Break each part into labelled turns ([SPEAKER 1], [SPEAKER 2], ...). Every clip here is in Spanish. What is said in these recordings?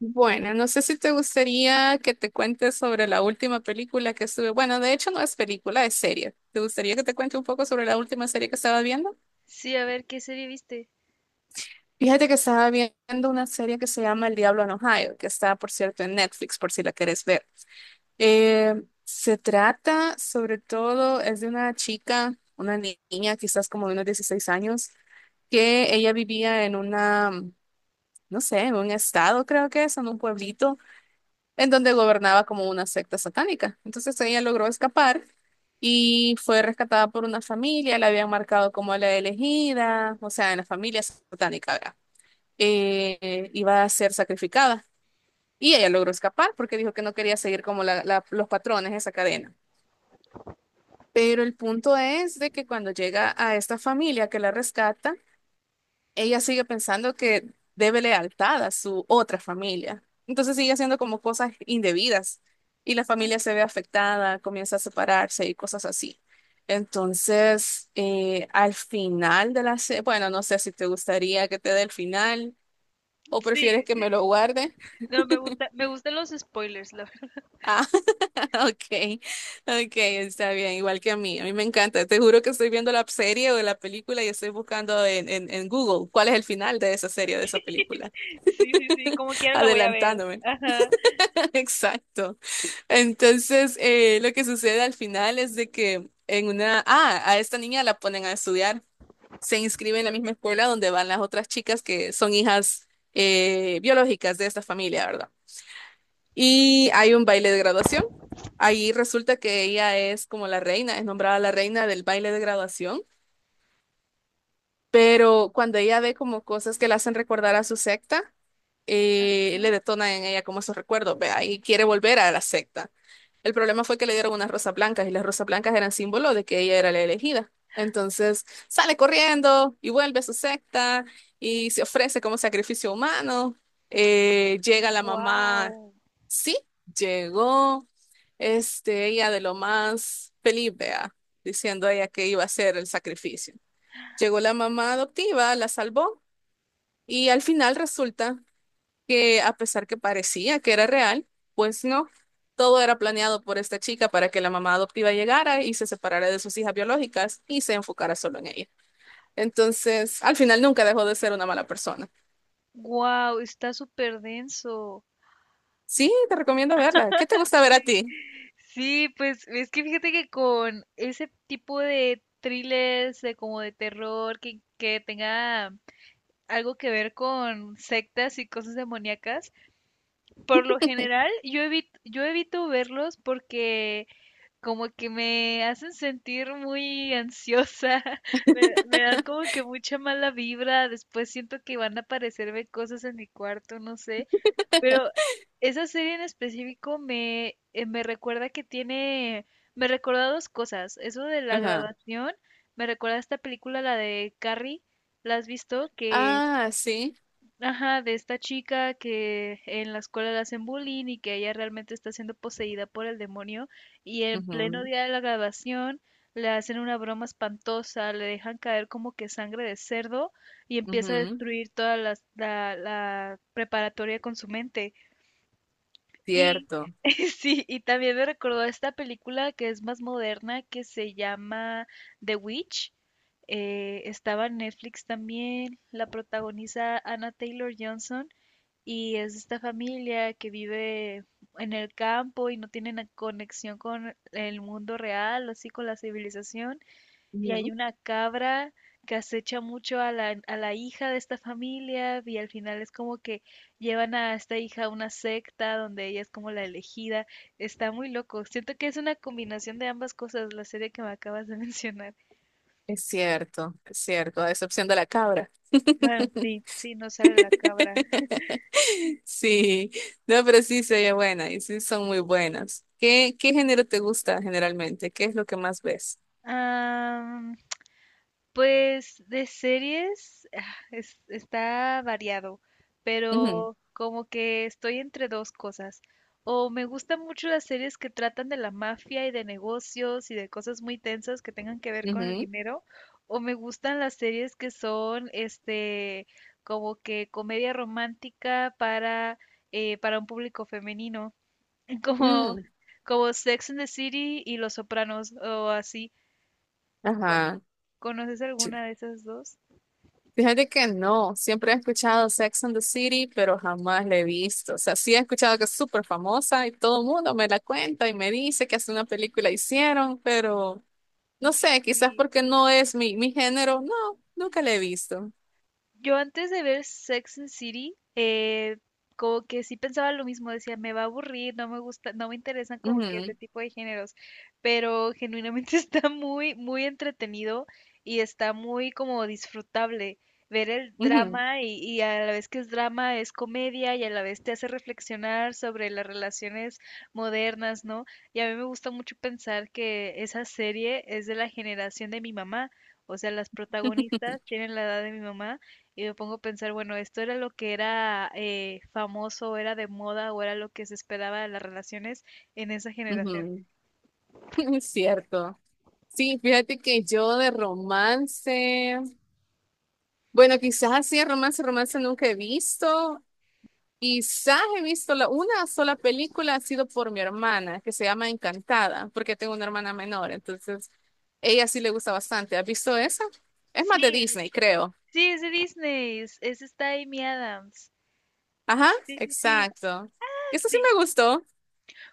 [SPEAKER 1] Bueno, no sé si te gustaría que te cuente sobre la última película que estuve. Bueno, de hecho no es película, es serie. ¿Te gustaría que te cuente un poco sobre la última serie que estaba viendo?
[SPEAKER 2] Sí, a ver, ¿qué serie viste?
[SPEAKER 1] Fíjate que estaba viendo una serie que se llama El Diablo en Ohio, que está, por cierto, en Netflix, por si la quieres ver. Se trata sobre todo, es de una chica, una ni- niña, quizás como de unos 16 años, que ella vivía en una, no sé, en un estado, creo que es, en un pueblito en donde gobernaba como una secta satánica. Entonces ella logró escapar y fue rescatada por una familia, la habían marcado como la elegida, o sea, en la familia satánica, ¿verdad? Iba a ser sacrificada. Y ella logró escapar porque dijo que no quería seguir como los patrones de esa cadena. Pero el punto es de que cuando llega a esta familia que la rescata, ella sigue pensando que debe lealtad a su otra familia. Entonces sigue haciendo como cosas indebidas y la
[SPEAKER 2] Ajá.
[SPEAKER 1] familia se ve afectada, comienza a separarse y cosas así. Entonces, al final de la serie, bueno, no sé si te gustaría que te dé el final o prefieres
[SPEAKER 2] Sí,
[SPEAKER 1] que me lo guarde.
[SPEAKER 2] no, me gusta, me gustan los spoilers, la verdad.
[SPEAKER 1] Ah, ok, ok, está bien, igual que a mí. A mí me encanta. Te juro que estoy viendo la serie o la película y estoy buscando en Google cuál es el final de esa serie o de esa película.
[SPEAKER 2] Sí, sí, sí, como quiera la voy a ver.
[SPEAKER 1] Adelantándome.
[SPEAKER 2] Ajá.
[SPEAKER 1] Exacto. Entonces, lo que sucede al final es de que en una, ah, a esta niña la ponen a estudiar, se inscribe en la misma escuela donde van las otras chicas que son hijas biológicas de esta familia, ¿verdad? Y hay un baile de graduación. Ahí resulta que ella es como la reina, es nombrada la reina del baile de graduación. Pero cuando ella ve como cosas que la hacen recordar a su secta, le detona en ella como esos recuerdos, vea, y quiere volver a la secta. El problema fue que le dieron unas rosas blancas y las rosas blancas eran símbolo de que ella era la elegida. Entonces sale corriendo y vuelve a su secta y se ofrece como sacrificio humano. Llega la mamá,
[SPEAKER 2] Wow.
[SPEAKER 1] sí, llegó, este, ella de lo más feliz, vea, diciendo a ella que iba a hacer el sacrificio. Llegó la mamá adoptiva, la salvó y al final resulta que a pesar que parecía que era real, pues no, todo era planeado por esta chica para que la mamá adoptiva llegara y se separara de sus hijas biológicas y se enfocara solo en ella. Entonces, al final nunca dejó de ser una mala persona.
[SPEAKER 2] Wow, está súper denso.
[SPEAKER 1] Sí, te recomiendo verla. ¿Qué te gusta ver a ti?
[SPEAKER 2] Sí, pues es que fíjate que con ese tipo de thrillers, de como de terror, que tenga algo que ver con sectas y cosas demoníacas, por lo general yo evito verlos porque como que me hacen sentir muy ansiosa. Me dan como que mucha mala vibra, después siento que van a aparecerme cosas en mi cuarto, no sé, pero esa serie en específico me recuerda que tiene, me recuerda dos cosas, eso de la
[SPEAKER 1] Ajá.
[SPEAKER 2] graduación, me recuerda a esta película, la de Carrie, ¿la has visto? Que
[SPEAKER 1] Ah, sí.
[SPEAKER 2] ajá, de esta chica que en la escuela le hacen bullying y que ella realmente está siendo poseída por el demonio y en pleno
[SPEAKER 1] Ujú,
[SPEAKER 2] día de la graduación le hacen una broma espantosa, le dejan caer como que sangre de cerdo y empieza a
[SPEAKER 1] ujú.
[SPEAKER 2] destruir toda la preparatoria con su mente. Y
[SPEAKER 1] Cierto.
[SPEAKER 2] sí, y también me recordó a esta película que es más moderna que se llama The Witch. Estaba en Netflix también, la protagoniza Anna Taylor-Johnson y es esta familia que vive en el campo y no tiene na- conexión con el mundo real, así con la civilización. Y hay
[SPEAKER 1] Ujú.
[SPEAKER 2] una cabra que acecha mucho a la hija de esta familia y al final es como que llevan a esta hija a una secta donde ella es como la elegida. Está muy loco. Siento que es una combinación de ambas cosas, la serie que me acabas de mencionar.
[SPEAKER 1] Es cierto, a excepción de la cabra.
[SPEAKER 2] Bueno, sí, sí, no sale la cabra.
[SPEAKER 1] Sí, no, pero sí se oye buena y sí son muy buenas. ¿Qué género te gusta generalmente? ¿Qué es lo que más ves?
[SPEAKER 2] Ah, pues de series está variado,
[SPEAKER 1] Ujú,
[SPEAKER 2] pero como que estoy entre dos cosas. O me gustan mucho las series que tratan de la mafia y de negocios y de cosas muy tensas que tengan que ver con el dinero, o me gustan las series que son este, como que comedia romántica para un público femenino,
[SPEAKER 1] ujú,
[SPEAKER 2] como
[SPEAKER 1] mm,
[SPEAKER 2] como Sex and the City y Los Sopranos o así. Co-
[SPEAKER 1] ajá.
[SPEAKER 2] ¿Conoces
[SPEAKER 1] Ch-
[SPEAKER 2] alguna de esas dos?
[SPEAKER 1] Fíjate que no, siempre he escuchado Sex and the City, pero jamás la he visto. O sea, sí he escuchado que es súper famosa y todo el mundo me la cuenta y me dice que hace una película hicieron, pero no sé, quizás
[SPEAKER 2] Sí,
[SPEAKER 1] porque no es mi género, no, nunca la he visto.
[SPEAKER 2] yo antes de ver Sex and the City, como que sí pensaba lo mismo, decía, me va a aburrir, no me gusta, no me interesan como que ese
[SPEAKER 1] Ujú,
[SPEAKER 2] tipo de géneros, pero genuinamente está muy, muy entretenido y está muy como disfrutable ver el
[SPEAKER 1] ujú,
[SPEAKER 2] drama y a la vez que es drama es comedia y a la vez te hace reflexionar sobre las relaciones modernas, ¿no? Y a mí me gusta mucho pensar que esa serie es de la generación de mi mamá, o sea, las protagonistas tienen la edad de mi mamá. Y me pongo a pensar, bueno, esto era lo que era famoso, era de moda o era lo que se esperaba de las relaciones en esa generación.
[SPEAKER 1] ujú. Es cierto. Sí, fíjate que yo de romance, bueno, quizás así de romance, romance nunca he visto. Quizás he visto la, una sola película, ha sido por mi hermana, que se llama Encantada, porque tengo una hermana menor, entonces ella sí le gusta bastante. ¿Has visto esa? Es
[SPEAKER 2] Sí,
[SPEAKER 1] más de Disney, creo.
[SPEAKER 2] sí, es de Disney, es esta Amy Adams.
[SPEAKER 1] Ajá,
[SPEAKER 2] Sí, sí, sí,
[SPEAKER 1] exacto.
[SPEAKER 2] ah,
[SPEAKER 1] Eso sí
[SPEAKER 2] sí.
[SPEAKER 1] me gustó.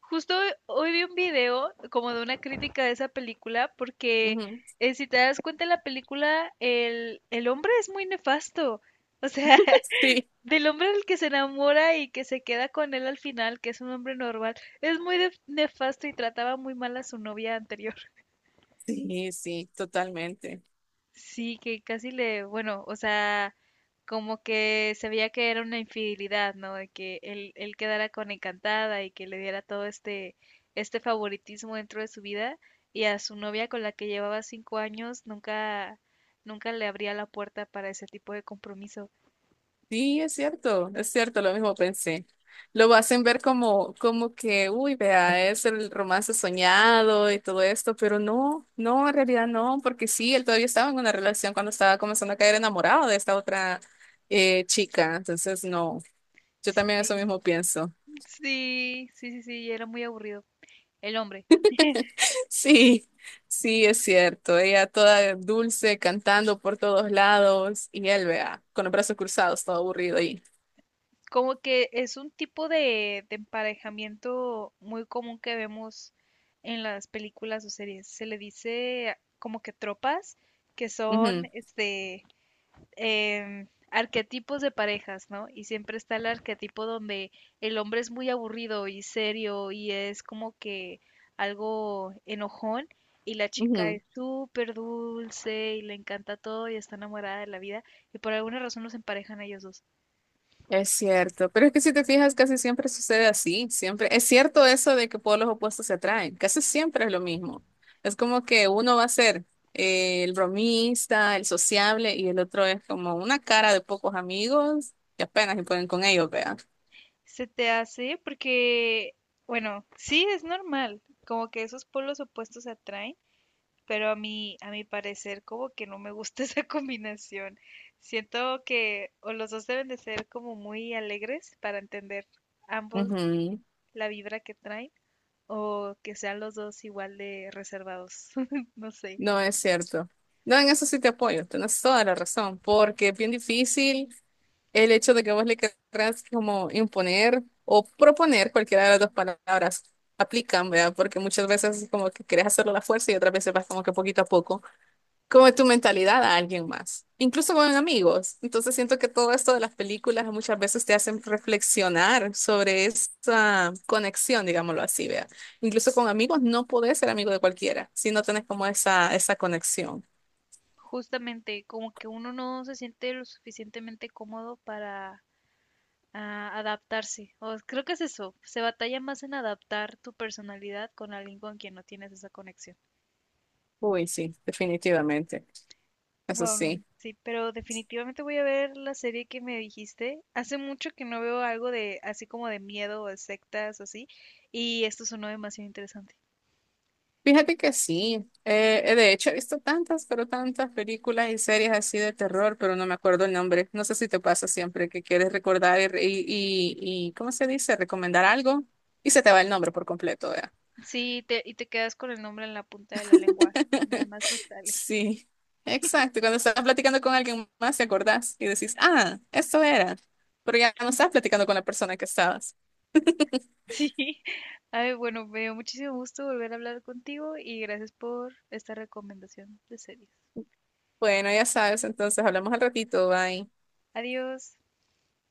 [SPEAKER 2] Justo hoy vi un video como de una crítica de esa película porque
[SPEAKER 1] Ujú.
[SPEAKER 2] si te das cuenta en la película, el hombre es muy nefasto. O sea,
[SPEAKER 1] Sí,
[SPEAKER 2] del hombre del que se enamora y que se queda con él al final, que es un hombre normal, es muy nefasto y trataba muy mal a su novia anterior.
[SPEAKER 1] sí, sí, totalmente.
[SPEAKER 2] Sí, que casi le, bueno, o sea, como que se veía que era una infidelidad, ¿no? De que él quedara con encantada y que le diera todo este, este favoritismo dentro de su vida y a su novia con la que llevaba 5 años nunca, nunca le abría la puerta para ese tipo de compromiso.
[SPEAKER 1] Sí, es cierto, lo mismo pensé. Lo hacen ver como, como que, uy, vea, es el romance soñado y todo esto, pero no, no, en realidad no, porque sí, él todavía estaba en una relación cuando estaba comenzando a caer enamorado de esta otra chica, entonces no, yo también eso
[SPEAKER 2] Sí,
[SPEAKER 1] mismo pienso.
[SPEAKER 2] sí, sí, sí, sí, era muy aburrido. El hombre.
[SPEAKER 1] Sí, sí, es cierto, ella toda dulce, cantando por todos lados, y él, vea, con los brazos cruzados, todo aburrido ahí.
[SPEAKER 2] Como que es un tipo de emparejamiento muy común que vemos en las películas o series. Se le dice como que tropas, que son
[SPEAKER 1] Ujú,
[SPEAKER 2] este arquetipos de parejas, ¿no? Y siempre está el arquetipo donde el hombre es muy aburrido y serio y es como que algo enojón y la chica
[SPEAKER 1] ujú.
[SPEAKER 2] es súper dulce y le encanta todo y está enamorada de la vida y por alguna razón los emparejan a ellos dos.
[SPEAKER 1] Es cierto, pero es que si te fijas, casi siempre sucede así, siempre. Es cierto eso de que polos opuestos se atraen, casi siempre es lo mismo. Es como que uno va a ser el bromista, el sociable, y el otro es como una cara de pocos amigos que apenas se pueden con ellos, vea.
[SPEAKER 2] Se te hace porque, bueno, sí es normal, como que esos polos opuestos se atraen, pero a mí, a mi parecer, como que no me gusta esa combinación. Siento que o los dos deben de ser como muy alegres para entender ambos
[SPEAKER 1] Ujú,
[SPEAKER 2] la vibra que traen, o que sean los dos igual de reservados. No sé.
[SPEAKER 1] no es cierto. No, en eso sí te apoyo, tienes toda la razón, porque es bien difícil. El hecho de que vos le querrás como imponer o proponer cualquiera de las dos palabras aplican, ¿verdad? Porque muchas veces como que querés hacerlo a la fuerza y otras veces vas como que poquito a poco, como tu mentalidad a alguien más, incluso con amigos. Entonces siento que todo esto de las películas muchas veces te hacen reflexionar sobre esa conexión, digámoslo así, ¿verdad? Incluso con amigos no podés ser amigo de cualquiera si no tenés como esa conexión.
[SPEAKER 2] Justamente, como que uno no se siente lo suficientemente cómodo para ah, adaptarse. O creo que es eso. Se batalla más en adaptar tu personalidad con alguien con quien no tienes esa conexión.
[SPEAKER 1] Uy, sí, definitivamente. Eso
[SPEAKER 2] Wow,
[SPEAKER 1] sí.
[SPEAKER 2] sí, pero definitivamente voy a ver la serie que me dijiste. Hace mucho que no veo algo de así como de miedo o de sectas o así, y esto sonó demasiado interesante.
[SPEAKER 1] Fíjate que sí, de hecho he visto tantas, pero tantas películas y series así de terror, pero no me acuerdo el nombre. No sé si te pasa siempre que quieres recordar y, ¿cómo se dice? Recomendar algo y se te va el nombre por completo, ¿verdad?
[SPEAKER 2] Y te quedas con el nombre en la punta de la lengua. Nada más nostalgia.
[SPEAKER 1] Sí, exacto. Cuando estás platicando con alguien más te acordás y decís, ah, esto era, pero ya no estás platicando con la persona que estabas.
[SPEAKER 2] Sí. Ay, bueno, me dio muchísimo gusto volver a hablar contigo y gracias por esta recomendación de series.
[SPEAKER 1] Bueno, ya sabes, entonces hablamos al ratito, bye.
[SPEAKER 2] Adiós.